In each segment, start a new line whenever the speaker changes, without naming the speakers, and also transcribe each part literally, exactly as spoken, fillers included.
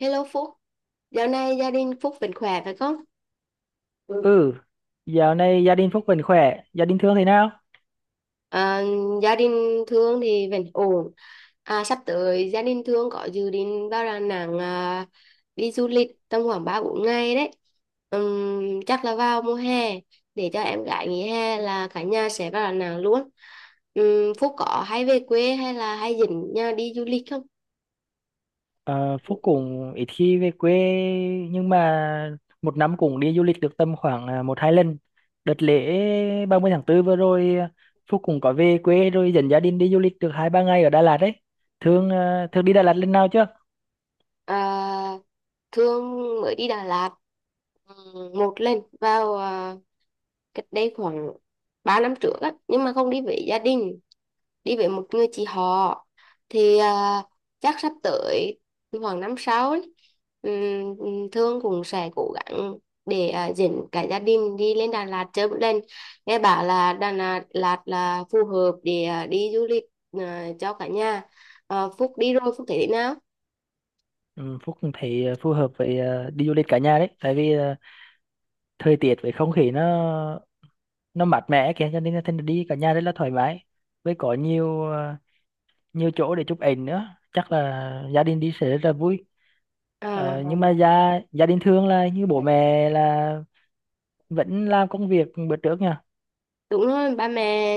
Hello Phúc, dạo này gia đình Phúc vẫn khỏe phải không? Ừ.
Ừ, dạo này gia đình Phúc vẫn khỏe, gia đình Thương thế nào?
À, Gia đình Thương thì vẫn ổn. À, sắp tới gia đình Thương có dự định vào Đà Nẵng, à, đi du lịch tầm khoảng ba bốn ngày đấy. Ừm, chắc là vào mùa hè để cho em gái nghỉ hè là cả nhà sẽ vào Đà Nẵng luôn. Ừm, Phúc có hay về quê hay là hay dẫn nhà đi du lịch không?
Ờ, Phúc cũng ít khi về quê nhưng mà một năm cũng đi du lịch được tầm khoảng à, một hai lần. Đợt lễ ba mươi tháng tư vừa rồi, à, Phúc cũng có về quê rồi dẫn gia đình đi du lịch được hai ba ngày ở Đà Lạt đấy. Thương à, Thương đi Đà Lạt lần nào chưa?
À, Thương mới đi Đà Lạt ừm, một lần vào, à, cách đây khoảng ba năm trước á, nhưng mà không đi với gia đình, đi với một người chị họ thì, à, chắc sắp tới khoảng năm sau ấy, ừm, Thương cũng sẽ cố gắng để, à, dẫn cả gia đình đi lên Đà Lạt chơi một lần. Nghe bảo là Đà Lạt, Lạt là phù hợp để, à, đi du lịch, à, cho cả nhà. À, Phúc đi rồi Phúc thấy thế nào?
Ừ, Phúc cũng thấy à, phù hợp với à, đi du lịch cả nhà đấy, tại vì à, thời tiết với không khí nó nó mát mẻ kìa cho nên là thành ra đi cả nhà rất là thoải mái. Với có nhiều nhiều chỗ để chụp ảnh nữa, chắc là gia đình đi sẽ rất là vui.
à
Ờ, nhưng mà gia gia đình thường là như bố mẹ là vẫn làm công việc bữa trước nha.
Đúng rồi, ba mẹ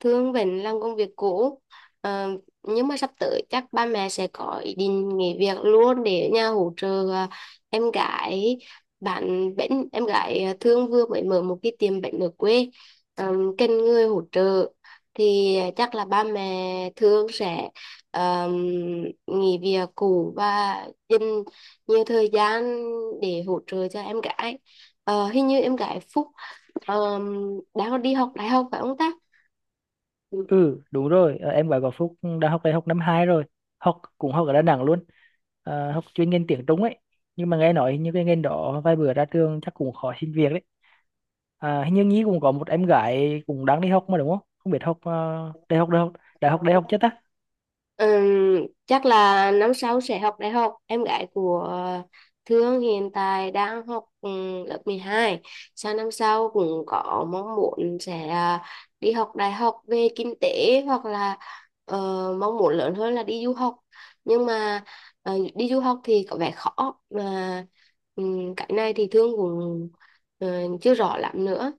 thương vẫn làm công việc cũ. Ờ, nhưng mà sắp tới chắc ba mẹ sẽ có ý định nghỉ việc luôn để ở nhà hỗ trợ, à, em gái, bạn bánh em gái, à, thương vừa mới mở một cái tiệm bánh ở quê. Ờ, cần người hỗ trợ thì chắc là ba mẹ thương sẽ, ờ, nghỉ việc cũ và dành nhiều thời gian để hỗ trợ cho em gái. Ờ, hình như em gái Phúc, Ờ, đang đi học đại học phải không ta? Ừ.
Ừ, đúng rồi. ờ, em gái của Phúc đã học đại học năm hai rồi, học cũng học ở Đà Nẵng luôn. Ờ, học chuyên ngành tiếng Trung ấy, nhưng mà nghe nói như cái ngành đó vài bữa ra trường chắc cũng khó xin việc đấy. À, hình như Nhi cũng có một em gái cũng đang đi học mà đúng không? Không biết học ờ, đại học đại học đại học đại học chưa ta?
Ừm, chắc là năm sau sẽ học đại học. Em gái của Thương hiện tại đang học ừm, lớp mười hai. Sang năm sau cũng có mong muốn sẽ, à, đi học đại học về kinh tế hoặc là, ờ, mong muốn lớn hơn là đi du học. Nhưng mà, ờ, đi du học thì có vẻ khó. Mà ừm, cái này thì Thương cũng, ờ, chưa rõ lắm nữa.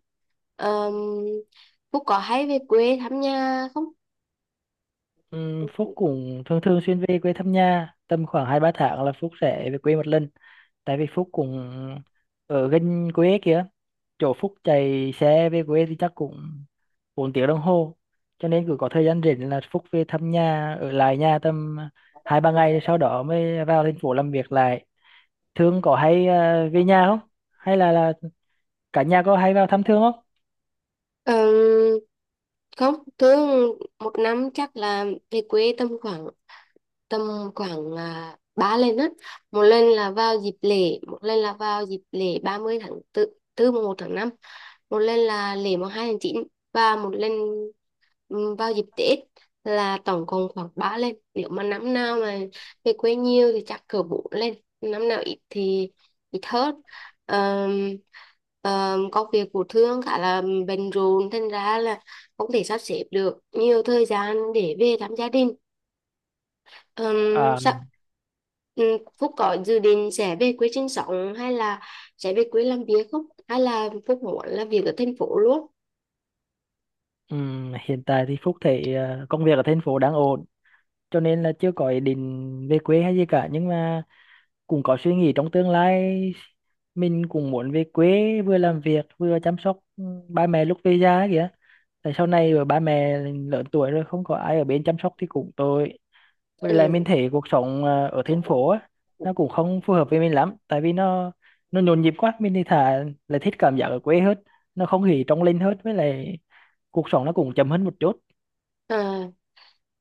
Um, Phúc có hay về quê thăm nhà không?
Ừm, Phúc cũng thường thường xuyên về quê thăm nhà, tầm khoảng hai ba tháng là Phúc sẽ về quê một lần. Tại vì Phúc cũng ở gần quê kia, chỗ Phúc chạy xe về quê thì chắc cũng bốn tiếng đồng hồ, cho nên cứ có thời gian rảnh là Phúc về thăm nhà, ở lại nhà tầm hai ba ngày sau đó mới vào thành phố làm việc lại. Thương có hay ờ, về nhà không, hay là là cả nhà có hay vào thăm Thương không?
Ờm, Không, thường một năm chắc là về quê tầm khoảng tầm khoảng à, ba lần á. Một lần là vào dịp lễ, một lần là vào dịp lễ ba mươi tháng 4, tư mùng một tháng năm. Một lần là lễ mùng hai tháng chín và một lần ừm, vào dịp Tết. Là tổng cộng khoảng ba lần. Nếu mà năm nào mà về quê nhiều thì chắc cỡ bốn lần, năm nào ít thì ít hơn. Ờm, ờm, Công việc của Thương khá là bận rộn thành ra là không thể sắp xếp được nhiều thời gian để về thăm gia đình. Ừm,
à,
sao ừm, Phúc có dự định sẽ về quê sinh sống hay là sẽ về quê làm việc không, hay là Phúc muốn làm việc ở thành phố luôn?
ừm, hiện tại thì Phúc thấy ờ, công việc ở thành phố đang ổn, cho nên là chưa có ý định về quê hay gì cả, nhưng mà cũng có suy nghĩ trong tương lai mình cũng muốn về quê vừa làm việc vừa chăm sóc ừ, ba mẹ lúc về già ấy kìa. Tại sau này rồi ba mẹ lớn tuổi rồi không có ai ở bên chăm sóc thì cũng tội. Với lại mình thấy cuộc sống à, ở thành phố á, nó cũng không phù hợp với mình lắm, tại vì nó nó nhộn nhịp quá. Mình thì thà là thích cảm giác ở quê hết, nó không khí trong lành hết, với lại cuộc sống nó cũng chậm hơn một chút.
Ừ.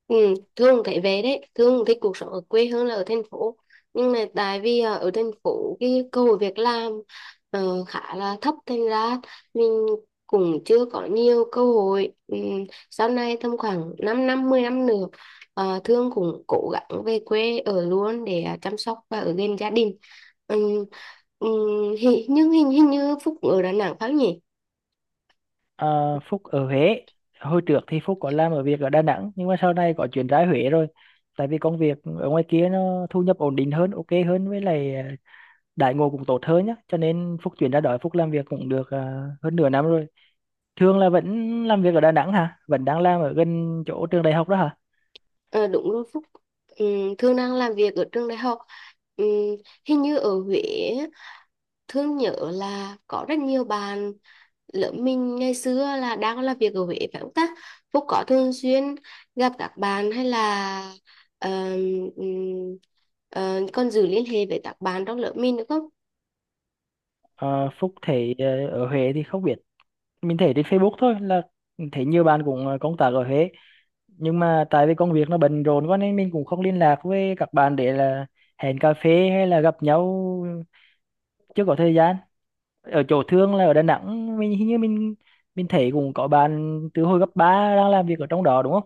Ừ, Thương thấy về đấy, Thương thích cuộc sống ở quê hơn là ở thành phố. Nhưng mà tại vì, à, ở thành phố cái cơ hội việc làm, ờ, khá là thấp thành ra mình cũng chưa có nhiều cơ hội. Ừ, sau này tầm khoảng 5 năm, mười năm nữa, ờ, Thương cũng cố gắng về quê ở luôn để, à, chăm sóc và ở gần gia đình. Ừ, ừ, hi- nhưng hình, hình như Phúc ở Đà Nẵng phải không nhỉ?
Ờ, Phúc ở Huế. Hồi trước thì Phúc có làm ở việc ở Đà Nẵng, nhưng mà sau này có chuyển ra Huế rồi, tại vì công việc ở ngoài kia nó thu nhập ổn định hơn, ok hơn, với lại ờ, đãi ngộ cũng tốt hơn nhá, cho nên Phúc chuyển ra đó. Phúc làm việc cũng được ờ, hơn nửa năm rồi. Thường là vẫn làm việc ở Đà Nẵng hả, vẫn đang làm ở gần chỗ trường đại học đó hả?
Ờ, đúng rồi Phúc. Ừm, Thương đang làm việc ở trường đại học. Ừm, Hình như ở Huế á, Thương nhớ là có rất nhiều bạn lớp mình ngày xưa là đang làm việc ở Huế phải không ta? Phúc có thường xuyên gặp các bạn hay là ờm, ừm, ờ, còn giữ liên hệ với các bạn trong lớp mình nữa không?
Ờ, Phúc thấy ờ, ở Huế thì không biết, mình thấy trên Facebook thôi, là thấy nhiều bạn cũng ờ, công tác ở Huế, nhưng mà tại vì công việc nó bận rộn quá nên mình cũng không liên lạc với các bạn để là hẹn cà phê hay là gặp nhau, chưa có thời gian. Ở chỗ Thương là ở Đà Nẵng, mình hình như mình mình thấy cũng có bạn từ hồi cấp ba đang làm việc ở trong đó đúng không?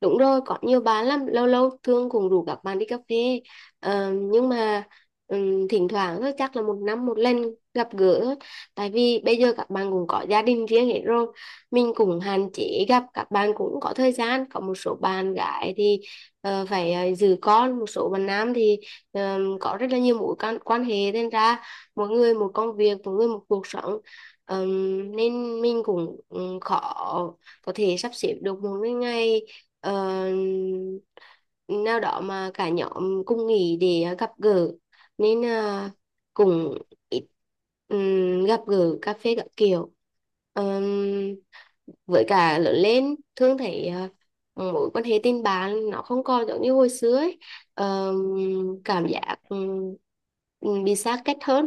Đúng rồi, có nhiều bạn lắm, lâu lâu Thương cũng rủ các bạn đi cà phê. Ờ, nhưng mà ừm, thỉnh thoảng thôi, chắc là một năm một lần gặp gỡ thôi. Tại vì bây giờ các bạn cũng có gia đình riêng hết rồi. Mình cũng hạn chế gặp, các bạn cũng có thời gian. Có một số bạn gái thì, ờ, phải ờ, giữ con, một số bạn nam thì ờm, có rất là nhiều mối quan, quan hệ. Nên ra mỗi người một công việc, mỗi người một cuộc sống. Ờm, nên mình cũng ừ, khó có thể sắp xếp được một cái ngày ờ, nào đó mà cả nhóm cùng nghỉ để, ờ, gặp gỡ nên, ờ, cũng ít ừm, gặp gỡ cà phê các kiểu. Ờm, với cả lớn lên thương thấy, à, mối quan hệ tình bạn nó không còn giống như hồi xưa ấy. Ờm, Cảm giác ừm, ừm, bị xa cách hơn,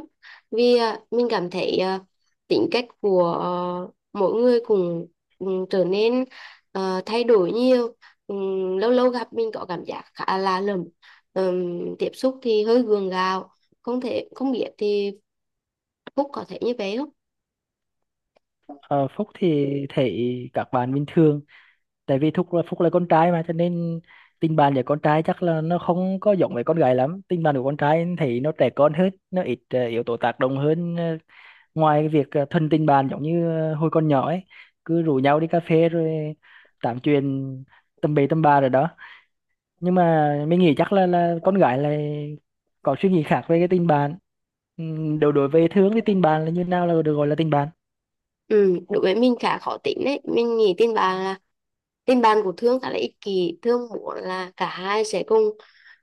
vì, à, mình cảm thấy, à, tính cách của, ờ, mỗi người cũng ừm, trở nên, ờ, thay đổi nhiều. Ừm, lâu lâu gặp mình có cảm giác khá là lầm. Ừm, tiếp xúc thì hơi gượng gạo. Không thể không biết thì Phúc có thể như vậy không?
Ờ, Phúc thì thấy các bạn bình thường, tại vì Phúc là Phúc là con trai mà, cho nên tình bạn với con trai chắc là nó không có giống với con gái lắm. Tình bạn của con trai thấy nó trẻ con hơn, nó ít ờ, yếu tố tác động hơn, ờ, ngoài cái việc ờ, thân tình bạn giống như ờ, hồi còn nhỏ ấy, cứ rủ nhau đi cà phê rồi tám chuyện tầm bậy tầm bạ rồi đó. Nhưng mà mình nghĩ chắc là là con gái là có suy nghĩ khác về cái tình bạn. Ừm, đối đối với Thương thì tình bạn là như nào là được gọi là tình bạn?
Ừ, đối với mình khá khó tính đấy. Mình nghĩ tin bạn là, tin bạn của Thương khá là ích kỷ. Thương muốn là cả hai sẽ cùng,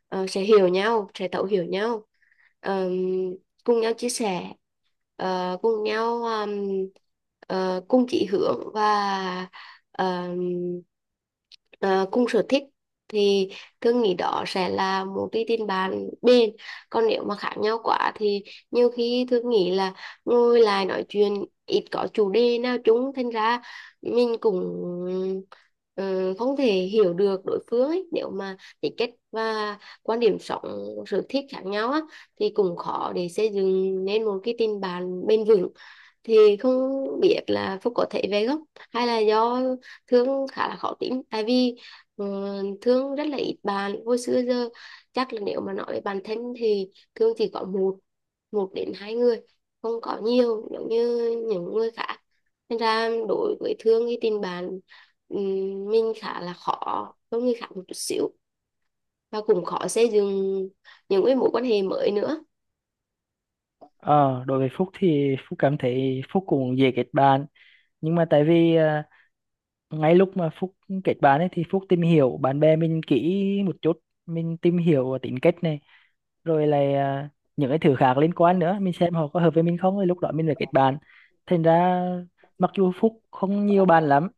ờ, sẽ hiểu nhau, sẽ thấu hiểu nhau, Ờm, cùng nhau chia sẻ, ờ, cùng nhau ờm, ờ, cùng chỉ hướng và, ờm, ờ, cùng sở thích thì Thương nghĩ đó sẽ là một cái tin bạn bền. Còn nếu mà khác nhau quá thì nhiều khi Thương nghĩ là ngồi lại nói chuyện ít có chủ đề nào chung thành ra mình cũng, ờ, không thể hiểu được đối phương ấy. Nếu mà tính cách và quan điểm sống sở thích khác nhau á, thì cũng khó để xây dựng nên một cái tình bạn bền vững. Thì không biết là Phúc có thể về gốc hay là do Thương khá là khó tính, tại vì, ờ, Thương rất là ít bạn hồi xưa giờ, chắc là nếu mà nói về bản thân thì Thương chỉ có một một đến hai người, không có nhiều giống như những người khác. Nên ra đối với Thương thì tình bạn ừm, mình khá là khó hơn người khác một chút xíu và cũng khó xây dựng những cái mối quan hệ mới nữa.
Ờ đối với Phúc thì Phúc cảm thấy Phúc cũng dễ kết bạn, nhưng mà tại vì ờ, ngay lúc mà Phúc kết bạn ấy thì Phúc tìm hiểu bạn bè mình kỹ một chút, mình tìm hiểu tính cách này rồi là à, những cái thứ khác liên quan nữa, mình xem họ có hợp với mình không rồi lúc đó mình phải kết bạn. Thành ra mặc dù Phúc không nhiều bạn lắm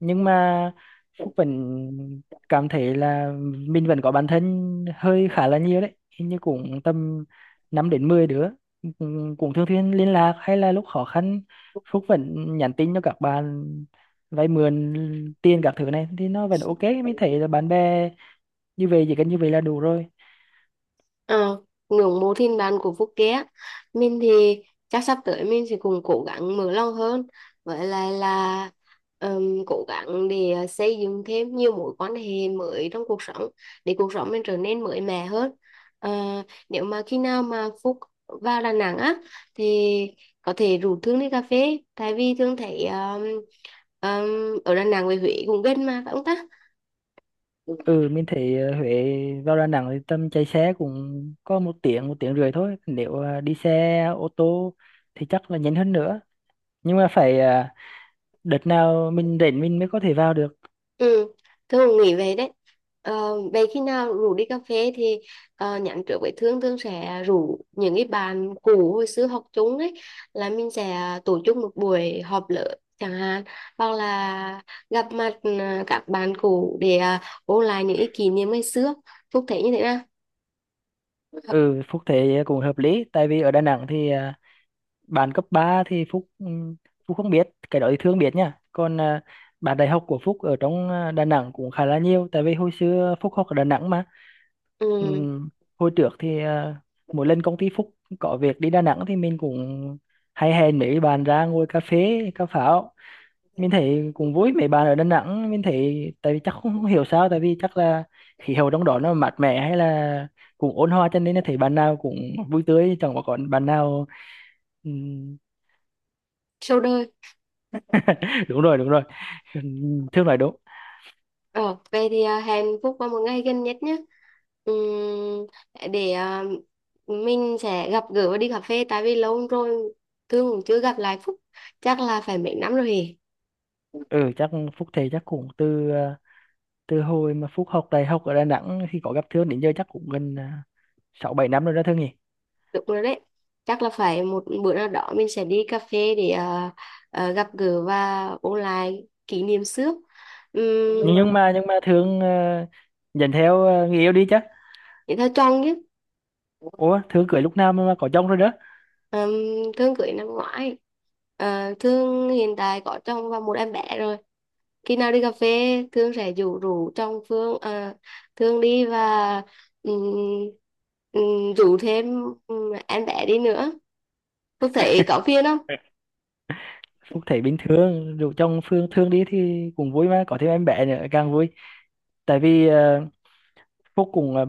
nhưng mà Phúc vẫn cảm thấy là mình vẫn có bạn thân hơi khá là nhiều đấy, hình như cũng tầm năm đến mười đứa, cũng cũng thường xuyên liên lạc hay là lúc khó khăn Phúc vẫn nhắn tin cho các bạn vay mượn tiền các thứ này thì nó vẫn ok. Mình thấy là bạn bè như vậy, chỉ cần như vậy là đủ rồi.
Ờ, ngưỡng mộ thiên đàng của Phúc Ké, mình thì chắc sắp tới mình sẽ cùng cố gắng mở lòng hơn, với lại là ừm, cố gắng để, ờ, xây dựng thêm nhiều mối quan hệ mới trong cuộc sống để cuộc sống mình trở nên mới mẻ hơn. Ờ, nếu mà khi nào mà Phúc vào Đà Nẵng á thì có thể rủ Thương đi cà phê, tại vì Thương thấy ừm, ừm, ở Đà Nẵng với Huế cũng gần mà, phải không ta?
Ừ, mình thấy ờ, Huế vào Đà Nẵng thì tầm chạy xe cũng có một tiếng một tiếng rưỡi thôi, nếu ờ, đi xe ô tô thì chắc là nhanh hơn nữa. Nhưng mà phải ờ, đợt nào mình rảnh mình mới có thể vào được.
Ừ, Thương cũng nghĩ vậy đấy. Ờ, vậy khi nào rủ đi cà phê thì, ờ, nhắn trước với Thương, Thương sẽ rủ những cái bạn cũ hồi xưa học chung ấy, là mình sẽ tổ chức một buổi họp lớp chẳng hạn, hoặc là gặp mặt, à, các bạn cũ để, à, ôn lại những cái kỷ niệm ngày xưa. Phúc thấy như thế nào?
Ừ, Phúc thấy cũng hợp lý, tại vì ở Đà Nẵng thì à, bạn cấp ba thì Phúc ừm, Phúc không biết, cái đó thì Thương biết nha. Còn à, bạn đại học của Phúc ở trong à, Đà Nẵng cũng khá là nhiều, tại vì hồi xưa Phúc học ở Đà Nẵng mà.
Ừ,
Ừm, Hồi trước thì à, mỗi lần công ty Phúc có việc đi Đà Nẵng thì mình cũng hay hẹn mấy bạn ra ngồi cà phê cà pháo, mình thấy cũng vui. Mấy bạn ở Đà Nẵng, mình thấy tại vì chắc không, không hiểu sao, tại vì chắc là khí hậu trong đó nó mát mẻ hay là cũng ôn hòa cho nên là thấy bạn nào cũng vui tươi, chẳng có còn bạn nào ừm,
sau đây.
đúng rồi, đúng rồi Thương nói đúng.
Ờ, vậy thì, à, hẹn Phúc vào một ngày gần nhất nhé. Ừm, để, à, mình sẽ gặp gỡ và đi cà phê, tại vì lâu rồi Thương cũng chưa gặp lại Phúc. Chắc là phải mấy năm rồi hề.
Ừ, chắc Phúc thầy chắc cũng từ ờ, từ hồi mà Phúc học đại học ở Đà Nẵng thì có gặp Thương đến giờ chắc cũng gần ờ, sáu bảy năm rồi đó Thương nhỉ?
Đúng rồi đấy. Chắc là phải một bữa nào đó mình sẽ đi cà phê để, à, à, gặp gỡ và ôn lại kỷ niệm xưa. Uhm,
Nhưng nhưng mà nhưng mà Thương ờ, nhận theo ờ, người yêu đi chứ.
Thế thôi chọn nhé.
Ủa, Thương cưới lúc nào mà mà có chồng rồi đó?
Ừm, Thương cưới năm ngoái. Ờ, Thương hiện tại có chồng và một em bé rồi. Khi nào đi cà phê Thương sẽ rủ rủ trong Phương, à, Thương đi, và ừm, ừm, rủ thêm ừm, em bé đi nữa. Phương thấy có phiền không?
Phúc thấy bình thường, dù chồng Phương Thương đi thì cũng vui mà có thêm em bé nữa càng vui. Tại vì ờ, Phúc cũng ờ,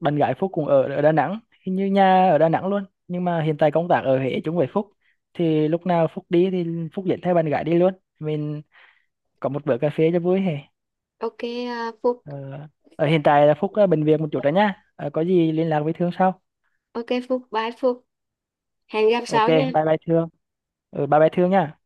bạn gái Phúc cũng ở ở Đà Nẵng, hình như nhà ở Đà Nẵng luôn nhưng mà hiện tại công tác ở Huế chung với Phúc, thì lúc nào Phúc đi thì Phúc dẫn theo bạn gái đi luôn, mình có một bữa cà phê cho vui hè.
OK, à, Phúc.
ờ, Ở hiện tại là Phúc ờ, bệnh viện một chút rồi nhá. Ờ, có gì liên lạc với Thương sau.
OK Phúc, bye Phúc, hẹn gặp
Ok,
sau nha.
bye bye Thương. Ừ, bye bye Thương nha.